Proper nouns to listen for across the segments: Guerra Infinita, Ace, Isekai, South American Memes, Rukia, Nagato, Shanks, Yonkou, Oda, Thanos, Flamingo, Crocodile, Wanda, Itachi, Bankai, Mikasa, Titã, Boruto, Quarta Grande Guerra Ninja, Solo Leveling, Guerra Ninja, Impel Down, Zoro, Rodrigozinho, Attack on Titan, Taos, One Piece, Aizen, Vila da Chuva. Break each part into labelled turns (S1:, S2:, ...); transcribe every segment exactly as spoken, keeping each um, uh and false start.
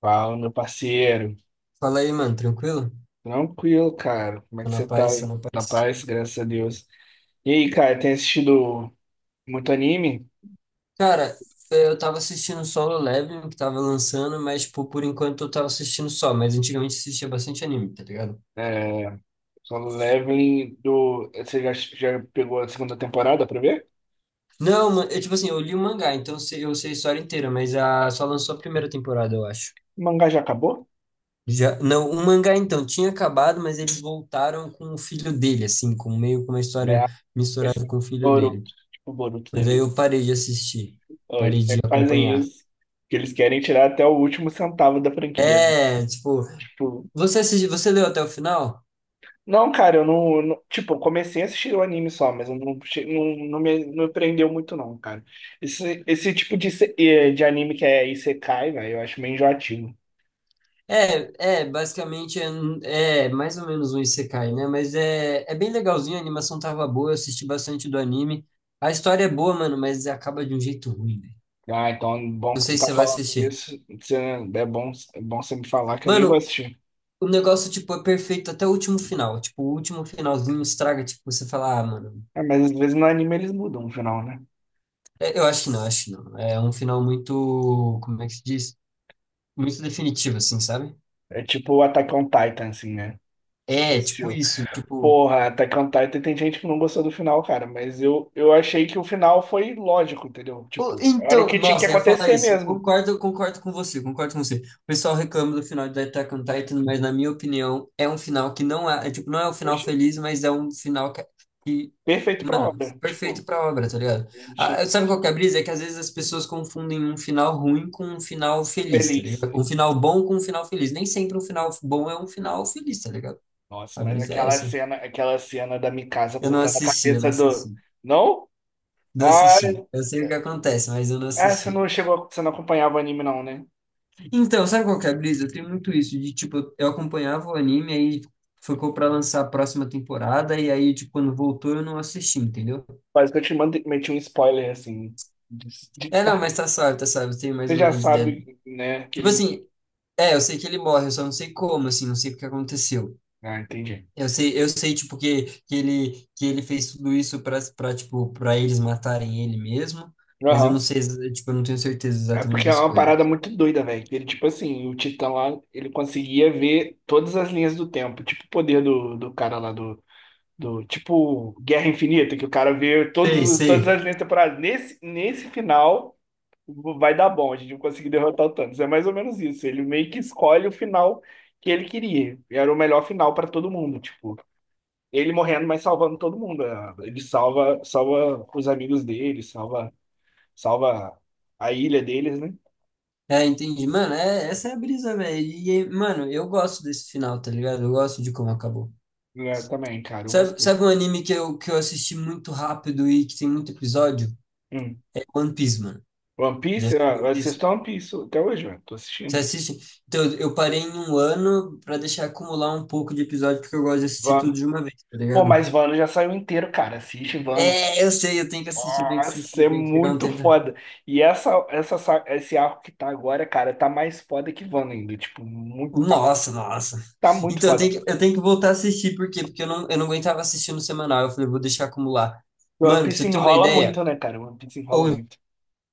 S1: Fala, meu parceiro.
S2: Fala aí, mano, tranquilo?
S1: Tranquilo, cara. Como é
S2: Tô
S1: que
S2: na
S1: você tá
S2: paz, tô
S1: aí?
S2: na
S1: Na
S2: paz.
S1: paz, graças a Deus. E aí, cara, tem assistido muito anime?
S2: Cara, é, eu tava assistindo Solo Leveling, que tava lançando, mas, tipo, por enquanto eu tava assistindo só, mas antigamente assistia bastante anime, tá ligado?
S1: É, Solo Leveling do. Você já, já pegou a segunda temporada pra ver?
S2: Não, mano, eu, tipo assim, eu li o mangá, então eu sei eu sei a história inteira, mas a, só lançou a primeira temporada, eu acho.
S1: O mangá já acabou?
S2: Já, não, o mangá, então, tinha acabado, mas eles voltaram com o filho dele, assim, com meio com uma história
S1: É,
S2: misturada
S1: esse
S2: com o filho
S1: Boruto,
S2: dele.
S1: tipo o Boruto da
S2: Mas aí
S1: vida.
S2: eu parei de assistir,
S1: Ó,
S2: parei
S1: eles
S2: de
S1: sempre fazem
S2: acompanhar.
S1: isso, que eles querem tirar até o último centavo da franquia, né?
S2: É, tipo,
S1: Tipo,
S2: você assisti, você leu até o final?
S1: não, cara, eu não, não- tipo, eu comecei a assistir o anime só, mas eu não, che- não, não me, não me prendeu muito, não, cara. Esse, esse tipo de, se- eh, de anime que é Isekai, velho, eu acho meio enjoativo.
S2: É, é, basicamente é, um- é mais ou menos um isekai, né? Mas é, é bem legalzinho, a animação tava boa, eu assisti bastante do anime. A história é boa, mano, mas acaba de um jeito ruim, velho.
S1: Ah, então é bom
S2: Não
S1: que você
S2: sei se
S1: tá
S2: você vai
S1: falando
S2: assistir.
S1: isso. Você, é bom, é bom você me falar que eu nem vou
S2: Mano,
S1: assistir.
S2: o negócio, tipo, é perfeito até o último final. Tipo, o último finalzinho estraga, tipo, você fala, ah, mano.
S1: É, mas às vezes no anime eles mudam o final, né?
S2: é, eu acho que não, acho que não. É um final muito, como é que se diz? Muito definitivo, assim, sabe?
S1: É tipo o Attack on Titan, assim, né? Você
S2: É, tipo
S1: assistiu.
S2: isso, tipo.
S1: Porra, Attack on Titan tem gente que não gostou do final, cara, mas eu, eu achei que o final foi lógico, entendeu?
S2: O-
S1: Tipo, era o
S2: Então,
S1: que tinha que
S2: nossa, eu ia falar
S1: acontecer
S2: isso.
S1: mesmo.
S2: Concordo, concordo com você, concordo com você. O pessoal reclama do final de Attack on Titan, mas na minha opinião, é um final que não é, é tipo, não é um final feliz, mas é um final que, que,
S1: Perfeito pra
S2: mano,
S1: obra.
S2: perfeito
S1: Tipo,
S2: pra obra, tá ligado?
S1: a gente
S2: Ah, sabe qual que é a brisa? É que às vezes as pessoas confundem um final ruim com um final feliz, tá
S1: feliz.
S2: ligado? Um final bom com um final feliz. Nem sempre um final bom é um final feliz, tá ligado?
S1: Nossa,
S2: A
S1: mas
S2: brisa é
S1: aquela
S2: essa.
S1: cena, aquela cena da Mikasa
S2: Eu não
S1: cortando a
S2: assisti, eu não
S1: cabeça do.
S2: assisti.
S1: Não?
S2: Não
S1: Ah,
S2: assisti. Eu sei o que acontece, mas eu não
S1: ah, você
S2: assisti.
S1: não chegou, você não acompanhava o anime, não, né?
S2: Então, sabe qual que é a brisa? Eu tenho muito isso de, tipo, eu acompanhava o anime, aí ficou pra lançar a próxima temporada, e aí, tipo, quando voltou eu não assisti, entendeu?
S1: Quase que eu te mandei, meti um spoiler assim. de- de-
S2: É, não,
S1: tá.
S2: mas tá salvo, tá salvo, eu tenho mais
S1: Você
S2: ou
S1: já
S2: menos ideia.
S1: sabe, né? Que
S2: Tipo
S1: ele.
S2: assim, é, eu sei que ele morre, eu só não sei como, assim, não sei o que aconteceu.
S1: Ah, entendi.
S2: Eu sei, eu sei, tipo, que, que ele, que ele fez tudo isso pra, pra, tipo, pra eles matarem ele mesmo, mas eu não
S1: Aham.
S2: sei, exa- tipo, eu não tenho certeza
S1: É
S2: exatamente
S1: porque é
S2: das
S1: uma parada
S2: coisas.
S1: muito doida, velho. Ele, tipo assim, o Titã lá, ele conseguia ver todas as linhas do tempo. Tipo o poder do, do cara lá do, do tipo Guerra Infinita, que o cara vê todos,
S2: Sei,
S1: os- todas
S2: sei.
S1: as linhas temporais. Nesse, nesse final vai dar bom, a gente vai conseguir derrotar o Thanos. É mais ou menos isso. Ele meio que escolhe o final que ele queria. E era o melhor final para todo mundo, tipo, ele morrendo, mas salvando todo mundo, né? Ele salva, salva os amigos dele, salva, salva a ilha deles, né?
S2: É, entendi. Mano, é, essa é a brisa, velho. E, e, mano, eu gosto desse final, tá ligado? Eu gosto de como acabou.
S1: É, também, cara, eu
S2: Sabe,
S1: gostei.
S2: sabe um anime que eu, que eu assisti muito rápido e que tem muito episódio?
S1: Hum.
S2: É One Piece, mano.
S1: One
S2: Já
S1: Piece, ah,
S2: assistiu
S1: eu
S2: One Piece?
S1: assisto One Piece até hoje, velho. Tô
S2: Você
S1: assistindo.
S2: assiste? Então, eu parei em um ano pra deixar acumular um pouco de episódio, porque eu gosto de assistir tudo
S1: Vano.
S2: de uma vez, tá
S1: Pô,
S2: ligado?
S1: mas Vano já saiu inteiro, cara. Assiste Vano.
S2: É, eu sei, eu tenho que assistir, eu tenho que assistir,
S1: Nossa, é
S2: eu tenho que pegar um
S1: muito
S2: tempo.
S1: foda. E essa, essa, sa- esse arco que tá agora, cara, tá mais foda que Wanda ainda. Tipo, muito, tá,
S2: Nossa, nossa.
S1: tá muito
S2: Então eu
S1: foda.
S2: tenho que, eu tenho que voltar a assistir, por quê? Porque eu não, eu não aguentava assistir no semanal. Eu falei, vou deixar acumular.
S1: O One
S2: Mano, pra
S1: Piece
S2: você ter uma
S1: enrola
S2: ideia,
S1: muito, né, cara? O One Piece enrola
S2: ou
S1: muito.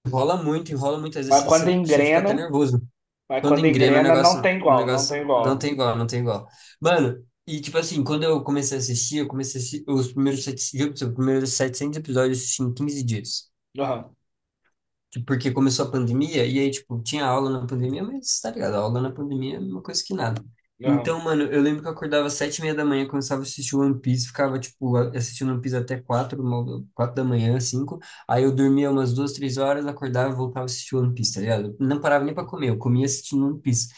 S2: enrola muito, enrola muito, às vezes
S1: Mas quando
S2: você, você fica até
S1: engrena,
S2: nervoso.
S1: mas
S2: Quando
S1: quando
S2: engrena o
S1: engrena, não
S2: negócio,
S1: tem
S2: o
S1: igual, não tem
S2: negócio não
S1: igual, velho.
S2: tem igual, não tem igual. Mano, e tipo assim, quando eu comecei a assistir, eu comecei a assistir os primeiros, sete- viu, os primeiros setecentos episódios eu assisti em quinze dias.
S1: Aham,
S2: Tipo, porque começou a pandemia, e aí, tipo, tinha aula na pandemia, mas tá ligado, aula na pandemia é uma coisa que nada.
S1: aham.
S2: Então, mano, eu lembro que eu acordava às sete e meia da manhã, começava a assistir One Piece, ficava, tipo, a- assistindo One Piece até quatro, uma- quatro da manhã, cinco, aí eu dormia umas duas, três horas, acordava e voltava a assistir One Piece, tá ligado? Não parava nem pra comer, eu comia assistindo One Piece.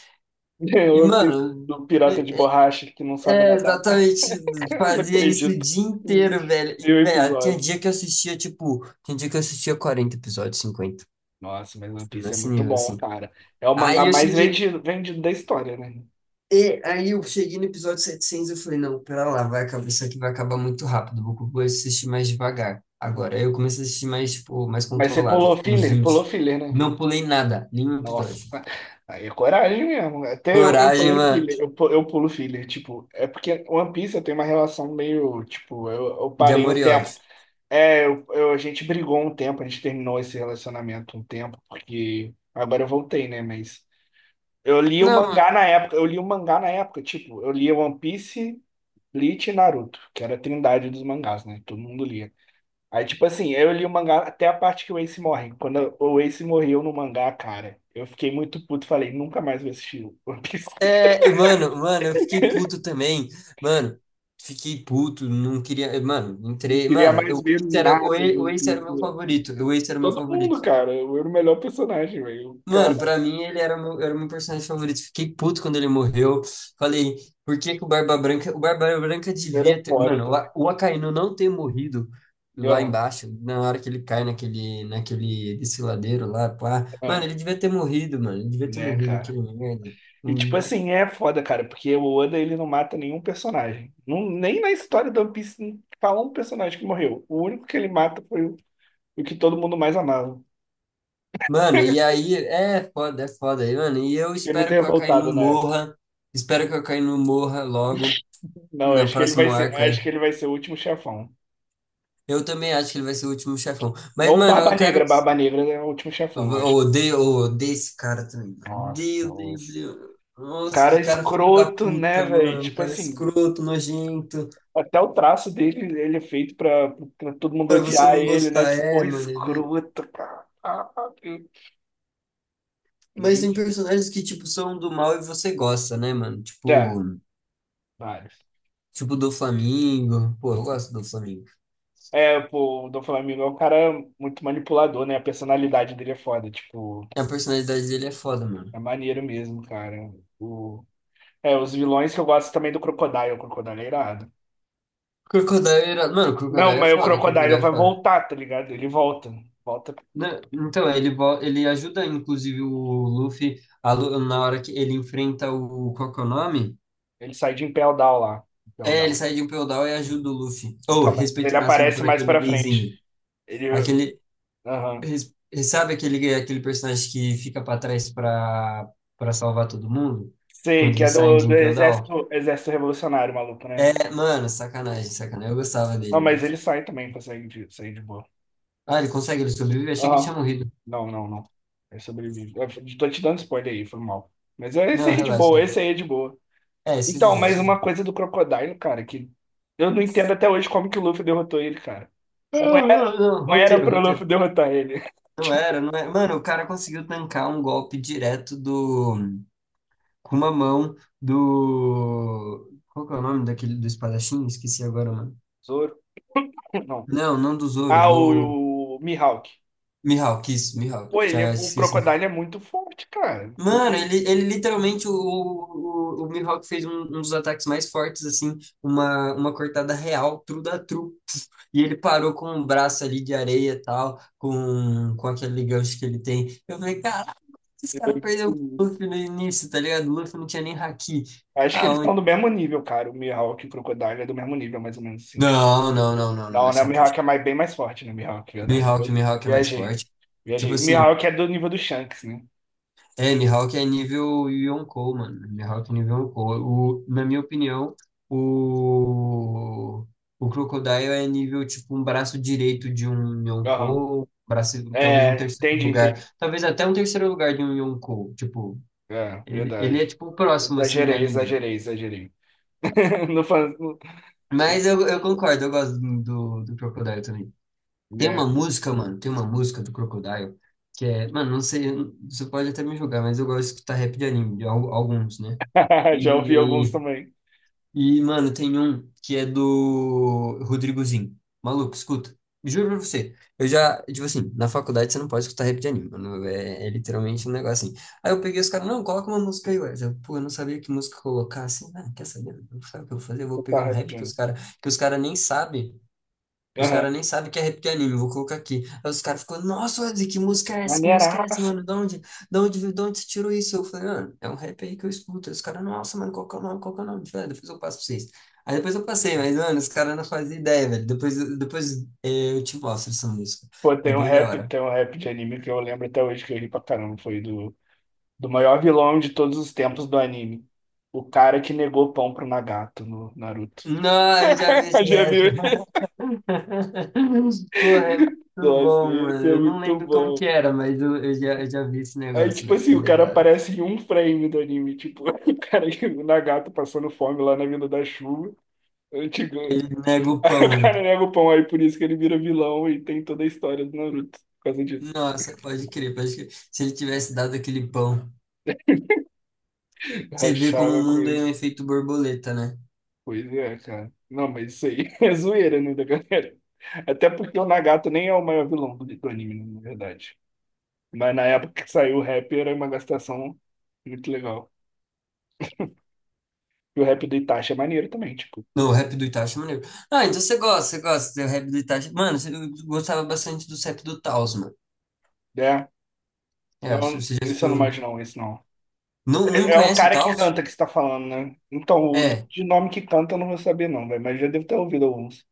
S1: O
S2: E,
S1: One Piece,
S2: mano,
S1: o pirata de
S2: é,
S1: borracha que não sabe
S2: é,
S1: nadar.
S2: exatamente.
S1: Não
S2: Fazia isso o
S1: acredito.
S2: dia inteiro,
S1: Mil
S2: velho. E, velho, tinha
S1: episódios.
S2: dia que eu assistia, tipo, tinha dia que eu assistia quarenta episódios, cinquenta.
S1: Nossa, mas One Piece é
S2: Nesse
S1: muito
S2: nível,
S1: bom,
S2: assim.
S1: cara. É o mangá
S2: Aí eu
S1: mais
S2: cheguei,
S1: vendido, vendido da história, né?
S2: e aí eu cheguei no episódio setecentos eu falei, não, pera lá, vai acabar, isso aqui vai acabar muito rápido, vou vou assistir mais devagar agora. Aí eu comecei a assistir mais, tipo, mais
S1: Mas você
S2: controlado,
S1: pulou
S2: tipo, uns
S1: filler, pulou
S2: vinte
S1: filler, né?
S2: Não pulei nada, nenhum episódio.
S1: Nossa, aí é coragem mesmo. Até eu, eu
S2: Coragem,
S1: pulei
S2: mano,
S1: filler, eu, pu- eu pulo filler, tipo, é porque One Piece eu tenho uma relação meio, tipo, eu, eu
S2: de
S1: parei
S2: amor
S1: um
S2: e
S1: tempo.
S2: ódio.
S1: É, eu, eu- a gente brigou um tempo, a gente terminou esse relacionamento um tempo, porque agora eu voltei, né? Mas eu li o
S2: Não,
S1: mangá na época, eu li o mangá na época, tipo, eu li One Piece, Bleach e Naruto, que era a trindade dos mangás, né? Todo mundo lia. Aí, tipo assim, eu li o mangá até a parte que o Ace morre. Quando o Ace morreu no mangá, cara, eu fiquei muito puto. Falei, nunca mais vou assistir One Piece.
S2: é, mano, mano, eu fiquei puto também, mano. Fiquei puto, não queria. Mano,
S1: Não
S2: entrei.
S1: queria
S2: Mano,
S1: mais
S2: o
S1: ver
S2: Ace era o
S1: nada de
S2: Ace- o
S1: One
S2: Ace era o
S1: Piece,
S2: meu
S1: velho.
S2: favorito. O Ace era o meu
S1: Todo
S2: favorito.
S1: mundo, cara. Eu era o melhor personagem, velho. O cara
S2: Mano, pra mim ele era o meu, era o meu personagem favorito. Fiquei puto quando ele morreu. Falei, por que que o Barba Branca. O Barba Branca
S1: era
S2: devia ter.
S1: foda
S2: Mano, o,
S1: também.
S2: A- o Akainu não ter morrido lá
S1: Aham,
S2: embaixo, na hora que ele cai naquele, naquele desfiladeiro lá, pá. Mano,
S1: aham.
S2: ele devia ter morrido, mano. Ele devia ter
S1: Né,
S2: morrido,
S1: cara?
S2: aquele merda.
S1: E, tipo
S2: Hum.
S1: assim, é foda, cara, porque o Oda, ele não mata nenhum personagem. Não, nem na história do One Piece não fala um personagem que morreu. O único que ele mata foi o, o que todo mundo mais amava.
S2: Mano, e aí. É foda, é foda. E, mano, e eu
S1: Fiquei muito
S2: espero que o
S1: revoltado
S2: Akainu
S1: na época.
S2: morra. Espero que o Akainu morra logo,
S1: Não,
S2: no
S1: acho que ele vai
S2: próximo
S1: ser,
S2: arco aí.
S1: acho que ele vai ser o último chefão.
S2: Eu também acho que ele vai ser o último chefão. Mas,
S1: Ou
S2: mano,
S1: Barba
S2: eu quero.
S1: Negra, Barba Negra é o último chefão,
S2: Eu
S1: eu
S2: eu
S1: acho.
S2: odeio, eu odeio esse cara também, mano.
S1: Nossa,
S2: Odeio, odeio,
S1: os
S2: odeio. Nossa, que
S1: cara
S2: cara filho da
S1: escroto, né,
S2: puta,
S1: velho?
S2: mano. Um
S1: Tipo
S2: cara
S1: assim,
S2: escroto, nojento.
S1: até o traço dele, ele é feito pra, pra todo mundo
S2: Pra você
S1: odiar
S2: não
S1: ele, né?
S2: gostar,
S1: Que
S2: é,
S1: porra
S2: mano. ele-
S1: escrota, cara. Ah, ah, eu-
S2: Mas tem personagens que, tipo, são do mal e você gosta, né, mano?
S1: É,
S2: Tipo,
S1: vários.
S2: tipo do Flamingo. Pô, eu gosto do Flamingo.
S1: É, pô, o Dom Flamingo é um cara muito manipulador, né? A personalidade dele é foda, tipo,
S2: A personalidade dele é foda, mano.
S1: é maneiro mesmo, cara. O... É, os vilões que eu gosto também do Crocodile, o Crocodile é irado.
S2: Crocodile era... Mano,
S1: Não,
S2: Crocodile é
S1: mas o
S2: foda,
S1: Crocodile
S2: Crocodile é
S1: vai
S2: foda.
S1: voltar, tá ligado? Ele volta. Volta.
S2: Né? Então, ele, vo- ele ajuda, inclusive, o Luffy a Lu- na hora que ele enfrenta o... Qual que é o nome?
S1: Ele sai de Impel Down lá. Impel
S2: É, ele
S1: Down.
S2: sai de um feudal e ajuda o Luffy. Ou,
S1: Então, mas
S2: respeito
S1: ele
S2: máximo
S1: aparece
S2: por
S1: mais
S2: aquele
S1: pra frente.
S2: gayzinho.
S1: Ele.
S2: Aquele,
S1: Aham.
S2: res- sabe aquele, aquele personagem que fica pra trás pra, pra salvar todo mundo?
S1: Sei,
S2: Quando
S1: que é
S2: eles saem
S1: do,
S2: de
S1: do
S2: Impel Down?
S1: exército, exército revolucionário, maluco, né?
S2: É, mano, sacanagem, sacanagem. Eu gostava
S1: Não,
S2: dele, mano.
S1: mas ele sai também, consegue de, sair de boa.
S2: Ah, ele consegue, ele sobrevive? Achei que ele tinha
S1: Aham.
S2: morrido.
S1: Não, não, não. Ele sobrevive. Eu tô te dando spoiler aí, foi mal. Mas é esse
S2: Não,
S1: aí é de
S2: relaxa,
S1: boa, esse
S2: relaxa.
S1: aí é de boa.
S2: É, isso é de
S1: Então,
S2: boa,
S1: mais
S2: isso é de
S1: uma
S2: boa.
S1: coisa do Crocodile, cara, que eu não entendo até hoje como que o Luffy derrotou ele, cara.
S2: Ah,
S1: Não era,
S2: ah, não,
S1: não era
S2: roteiro,
S1: pro Luffy
S2: roteiro.
S1: derrotar ele.
S2: Não
S1: Tipo,
S2: era, não era. Mano, o cara conseguiu tancar um golpe direto do... com uma mão do. Qual que é o nome daquele do espadachim? Esqueci agora, mano.
S1: Zoro, não.
S2: Não, não do Zoro,
S1: Ah,
S2: do.
S1: o, o Mihawk.
S2: Mihawk, isso, Mihawk,
S1: Pô, ele é,
S2: já
S1: o
S2: esqueci.
S1: Crocodile é muito forte, cara. Não
S2: Mano,
S1: tem.
S2: ele, ele literalmente, o, o, o Mihawk fez um, um dos ataques mais fortes, assim, uma, uma cortada real, tru da tru. E ele parou com um braço ali de areia e tal, com, com aquele gancho que ele tem. Eu falei, caraca, esse
S1: Ele é
S2: cara
S1: muito
S2: perdeu o Luffy
S1: sinistro.
S2: no início, tá ligado? O Luffy não tinha nem haki.
S1: Acho que eles
S2: Aonde?
S1: estão do mesmo nível, cara. O Mihawk e o Crocodile é do mesmo nível, mais ou menos assim. Tipo.
S2: Não, não, não, não, não,
S1: Não,
S2: é
S1: né? O
S2: chapu.
S1: Mihawk é mais, bem mais forte, né? O Mihawk, verdade.
S2: Mihawk,
S1: Vi-
S2: Mihawk é mais
S1: Viajei.
S2: forte. Tipo
S1: Viajei. O
S2: assim,
S1: Mihawk é do nível do Shanks, né?
S2: é, Mihawk é nível Yonkou, mano. Mihawk é nível Yonkou. O, na minha opinião, o, o Crocodile é nível, tipo, um braço direito de um
S1: Aham.
S2: Yonkou, um braço, talvez um
S1: É,
S2: terceiro
S1: entendi,
S2: lugar,
S1: entendi.
S2: talvez até um terceiro lugar de um Yonkou. Tipo,
S1: É,
S2: ele, ele é,
S1: verdade.
S2: tipo, o próximo, assim, na
S1: Exagerei,
S2: linha.
S1: exagerei, exagerei. Não faz. não-
S2: Mas eu, eu concordo, eu gosto do, do, do Crocodile também. Tem
S1: É.
S2: uma música, mano, tem uma música do Crocodile que é, mano, não sei, você pode até me julgar, mas eu gosto de escutar rap de anime, de al- alguns, né?
S1: Já ouvi alguns
S2: E,
S1: também.
S2: e mano, tem um que é do Rodrigozinho. Maluco, escuta. Juro pra você. Eu já, tipo assim, na faculdade você não pode escutar rap de anime, mano. É, é literalmente um negócio assim. Aí eu peguei os caras, não, coloca uma música aí, ué. Eu, pô, eu não sabia que música colocar assim. Ah, quer saber? Não sabe o que eu vou fazer? Eu vou pegar
S1: Tá,
S2: um
S1: rap de
S2: rap que os
S1: anime.
S2: caras que os cara nem sabem. Os caras
S1: Aham.
S2: nem sabem que é rap de anime, vou colocar aqui. Aí os caras ficam, nossa, Wesley, que música é essa? Que música é essa,
S1: Maneiraça.
S2: mano? Da onde, da onde, viu- da onde você tirou isso? Eu falei, mano, é um rap aí que eu escuto. Aí os caras, nossa, mano, qual que é o nome? Qual que é o nome? Falei, "Ah, depois eu passo pra vocês." Aí depois eu passei, mas, mano, os caras não fazem ideia, velho. Depois, depois eh, eu te mostro essa música.
S1: Pô,
S2: É
S1: tem um
S2: bem da
S1: rap,
S2: hora.
S1: tem um rap de anime que eu lembro até hoje que eu ri pra caramba. Foi do, do maior vilão de todos os tempos do anime. O cara que negou pão pro Nagato no Naruto.
S2: Não, eu já vi esse
S1: Já
S2: rap.
S1: viu?
S2: Porra, é muito
S1: Nossa,
S2: bom,
S1: esse
S2: mano.
S1: é
S2: Eu não
S1: muito
S2: lembro como que
S1: bom.
S2: era, mas eu, eu já, eu já vi esse
S1: Aí,
S2: negócio,
S1: tipo
S2: né?
S1: assim, o
S2: Ele é
S1: cara
S2: da hora.
S1: aparece em um frame do anime. Tipo, o cara, que- o Nagato passando fome lá na Vila da Chuva. Eu digo,
S2: Ele nega o
S1: aí o
S2: pão.
S1: cara nega o pão, aí por isso que ele vira vilão e tem toda a história do Naruto. Por causa disso.
S2: Nossa, pode crer, pode crer. Se ele tivesse dado aquele pão, você vê como o
S1: Rachava com
S2: mundo é um
S1: isso.
S2: efeito borboleta, né?
S1: Pois é, cara. Não, mas isso aí é zoeira, né, da galera? Até porque o Nagato nem é o maior vilão do, do anime, na verdade. Mas na época que saiu o rap era uma gastação muito legal. E o rap do Itachi é maneiro também, tipo.
S2: No, o rap do Itachi é maneiro. Ah, então você gosta, você gosta do rap do Itachi. Mano, você- eu gostava bastante do rap do Taos, mano.
S1: É,
S2: É, você
S1: não,
S2: você já
S1: esse eu não
S2: escutou.
S1: imagino, não, esse não.
S2: Não, não
S1: É, é o
S2: conhece o
S1: cara que
S2: Taos?
S1: canta que você tá falando, né? Então, o
S2: É,
S1: de nome que canta eu não vou saber, não, velho. Mas já devo ter ouvido alguns.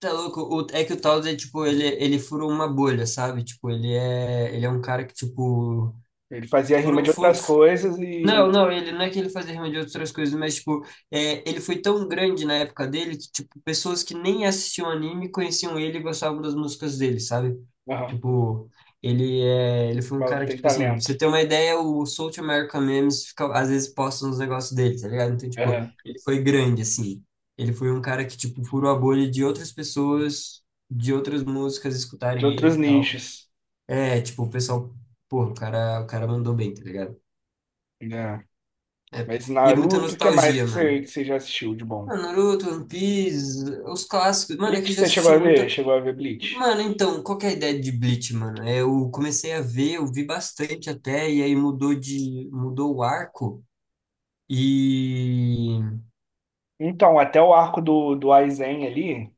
S2: tá louco. O- é que o Taos é tipo, ele, ele furou uma bolha, sabe? Tipo, ele é, ele é um cara que, tipo,
S1: Ele fazia rima
S2: furou,
S1: de
S2: fu-
S1: outras coisas
S2: Não,
S1: e.
S2: não, ele não é que ele fazia rima de outras coisas, mas, tipo, é, ele foi tão grande na época dele que, tipo, pessoas que nem assistiam anime conheciam ele e gostavam das músicas dele, sabe?
S1: Aham.
S2: Tipo, ele é, ele foi um
S1: Mas
S2: cara que,
S1: tem
S2: tipo assim, pra
S1: talento.
S2: você ter uma ideia, o South American Memes fica, às vezes posta uns negócios dele, tá ligado? Então, tipo,
S1: Aham.
S2: ele foi grande, assim. Ele foi um cara que, tipo, furou a bolha de outras pessoas, de outras músicas
S1: De
S2: escutarem ele
S1: outros
S2: e tal.
S1: nichos.
S2: É, tipo, o pessoal, pô, o cara, o cara mandou bem, tá ligado?
S1: É.
S2: Época.
S1: Mas
S2: E é muita
S1: Naruto, o que mais
S2: nostalgia,
S1: que
S2: mano.
S1: você, que você já assistiu de bom?
S2: Ah, Naruto, One Piece, os clássicos. Mano, é que
S1: Bleach,
S2: eu já
S1: você chegou
S2: assisti
S1: a ver?
S2: muito.
S1: Chegou a ver Bleach?
S2: Mano, então, qual que é a ideia de Bleach, mano? É, eu comecei a ver, eu vi bastante até, e aí mudou de, mudou o arco. E
S1: Então, até o arco do, do Aizen ali,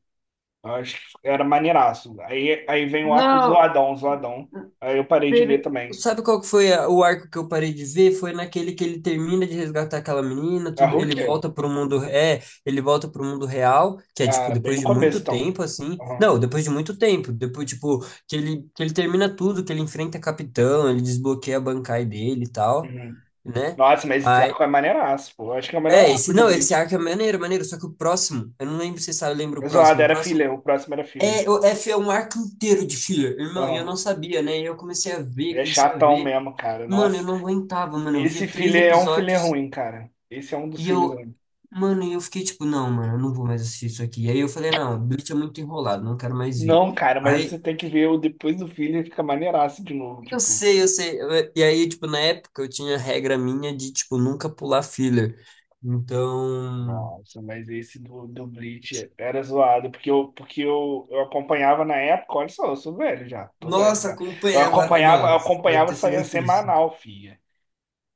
S1: eu acho que era maneiraço. Aí, aí vem o arco do
S2: não.
S1: Zoadão, Zoadão. Aí eu parei de ver
S2: Teve-
S1: também.
S2: Sabe qual que foi a- o arco que eu parei de ver? Foi naquele que ele termina de resgatar aquela menina,
S1: A
S2: tudo, ele
S1: Rukia?
S2: volta pro mundo, é, ele volta pro mundo real, que é tipo
S1: Ah, bem
S2: depois
S1: no
S2: de
S1: começo,
S2: muito
S1: então.
S2: tempo assim.
S1: Aham.
S2: Não, depois de muito tempo, depois tipo que ele que ele termina tudo, que ele enfrenta capitão, ele desbloqueia a Bankai dele e tal,
S1: Uhum.
S2: né?
S1: Nossa, mas esse
S2: Aí,
S1: arco é maneiraço, pô. Eu acho que é o melhor
S2: é,
S1: arco
S2: esse
S1: de
S2: não, esse
S1: Bleach.
S2: arco é maneiro, maneiro, só que o próximo, eu não lembro se você sabe, lembra o
S1: O Zoado
S2: próximo, o
S1: era
S2: próximo
S1: filler, o próximo era filler.
S2: é, o F é um arco inteiro de filler, irmão, e eu
S1: Aham.
S2: não sabia, né? E eu comecei a ver,
S1: É
S2: comecei a
S1: chatão
S2: ver.
S1: mesmo, cara.
S2: Mano, eu
S1: Nossa.
S2: não aguentava, mano. Eu
S1: Esse
S2: via três
S1: filler é um filler
S2: episódios
S1: ruim, cara. Esse é um dos
S2: e
S1: filhos.
S2: eu. Mano, e eu fiquei tipo, não, mano, eu não vou mais assistir isso aqui. Aí eu falei, não, Bleach é muito enrolado, não quero mais ver.
S1: Não, cara, mas você
S2: Aí,
S1: tem que ver o depois do filho fica maneiraço de novo,
S2: eu
S1: tipo.
S2: sei, eu sei. eu- E aí, tipo, na época eu tinha regra minha de, tipo, nunca pular filler. Então.
S1: Nossa, mas esse do, do Bleach era zoado, porque, eu, porque eu, eu acompanhava na época, olha só, eu sou velho já, tô velho
S2: Nossa,
S1: já. Eu
S2: acompanhava.
S1: acompanhava, eu
S2: Nossa, deve
S1: acompanhava,
S2: ter
S1: saía
S2: sido triste.
S1: semanal, filha.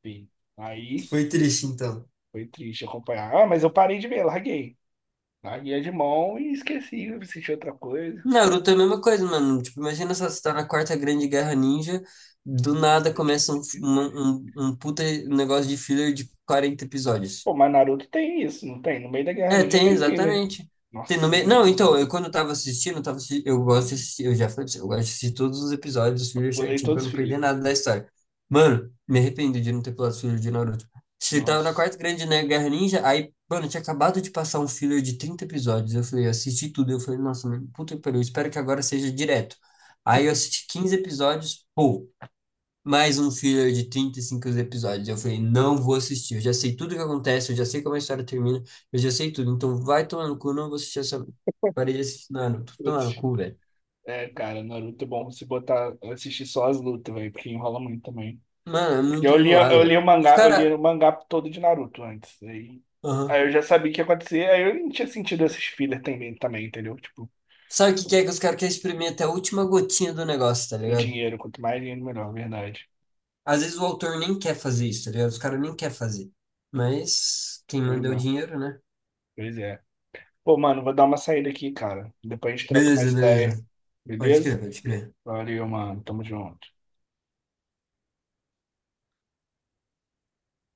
S1: Fih. Aí
S2: Foi triste, então.
S1: foi triste acompanhar. Ah, mas eu parei de ver, larguei. Larguei de mão e esqueci, assisti outra coisa.
S2: Naruto é a mesma coisa, mano. Tipo, imagina só, você tá na Quarta Grande Guerra Ninja, do nada começa um, f- um, um puta negócio de filler de quarenta episódios.
S1: Pô, mas Naruto tem isso, não tem? No meio da Guerra
S2: É,
S1: Ninja
S2: tem,
S1: tem filler.
S2: exatamente. Tem no
S1: Nossa,
S2: meio. Não,
S1: muitos
S2: então,
S1: não.
S2: eu quando eu tava assistindo, eu, tava assi- eu gosto de assistir, eu já falei pra você, eu gosto de assistir todos os episódios dos
S1: Eu
S2: fillers
S1: pulei
S2: certinho pra
S1: todos os
S2: não perder
S1: filler.
S2: nada da história. Mano, me arrependo de não ter pulado os fillers de Naruto. Você tava na
S1: Nossa.
S2: quarta grande, né, Guerra Ninja, aí, mano, tinha acabado de passar um filler de trinta episódios. Eu falei, eu assisti tudo. Eu falei, nossa, mano, puta que pariu, eu espero que agora seja direto. Aí eu assisti quinze episódios, pô, mais um filler de trinta e cinco episódios. Eu falei, não vou assistir. Eu já sei tudo o que acontece, eu já sei como a história termina, eu já sei tudo. Então vai tomar no cu, não vou assistir essa. Parei de assistir Naruto. Tomar no
S1: Putz.
S2: cu, velho.
S1: É, cara, Naruto é bom se botar, assistir só as lutas, velho, porque enrola muito também.
S2: Mano, é
S1: Porque
S2: muito
S1: eu li,
S2: enrolado,
S1: eu li
S2: velho.
S1: o
S2: Os
S1: mangá, eu li
S2: caras.
S1: o mangá todo de Naruto antes. Aí, aí
S2: Aham.
S1: eu já sabia o que ia acontecer, aí eu não tinha sentido esses filler também, também, entendeu? Tipo,
S2: Sabe o que que é que os caras querem exprimir até a última gotinha do negócio, tá
S1: o
S2: ligado?
S1: dinheiro, quanto mais dinheiro, melhor, verdade.
S2: Às vezes o autor nem quer fazer isso, tá ligado? Os caras nem querem fazer. Mas quem
S1: Pois
S2: manda é o
S1: é,
S2: dinheiro, né?
S1: pois é. Pô, mano, vou dar uma saída aqui, cara. Depois a gente troca mais
S2: Beleza,
S1: ideia,
S2: beleza. Pode
S1: beleza?
S2: crer, pode crer.
S1: Valeu, mano. Tamo junto.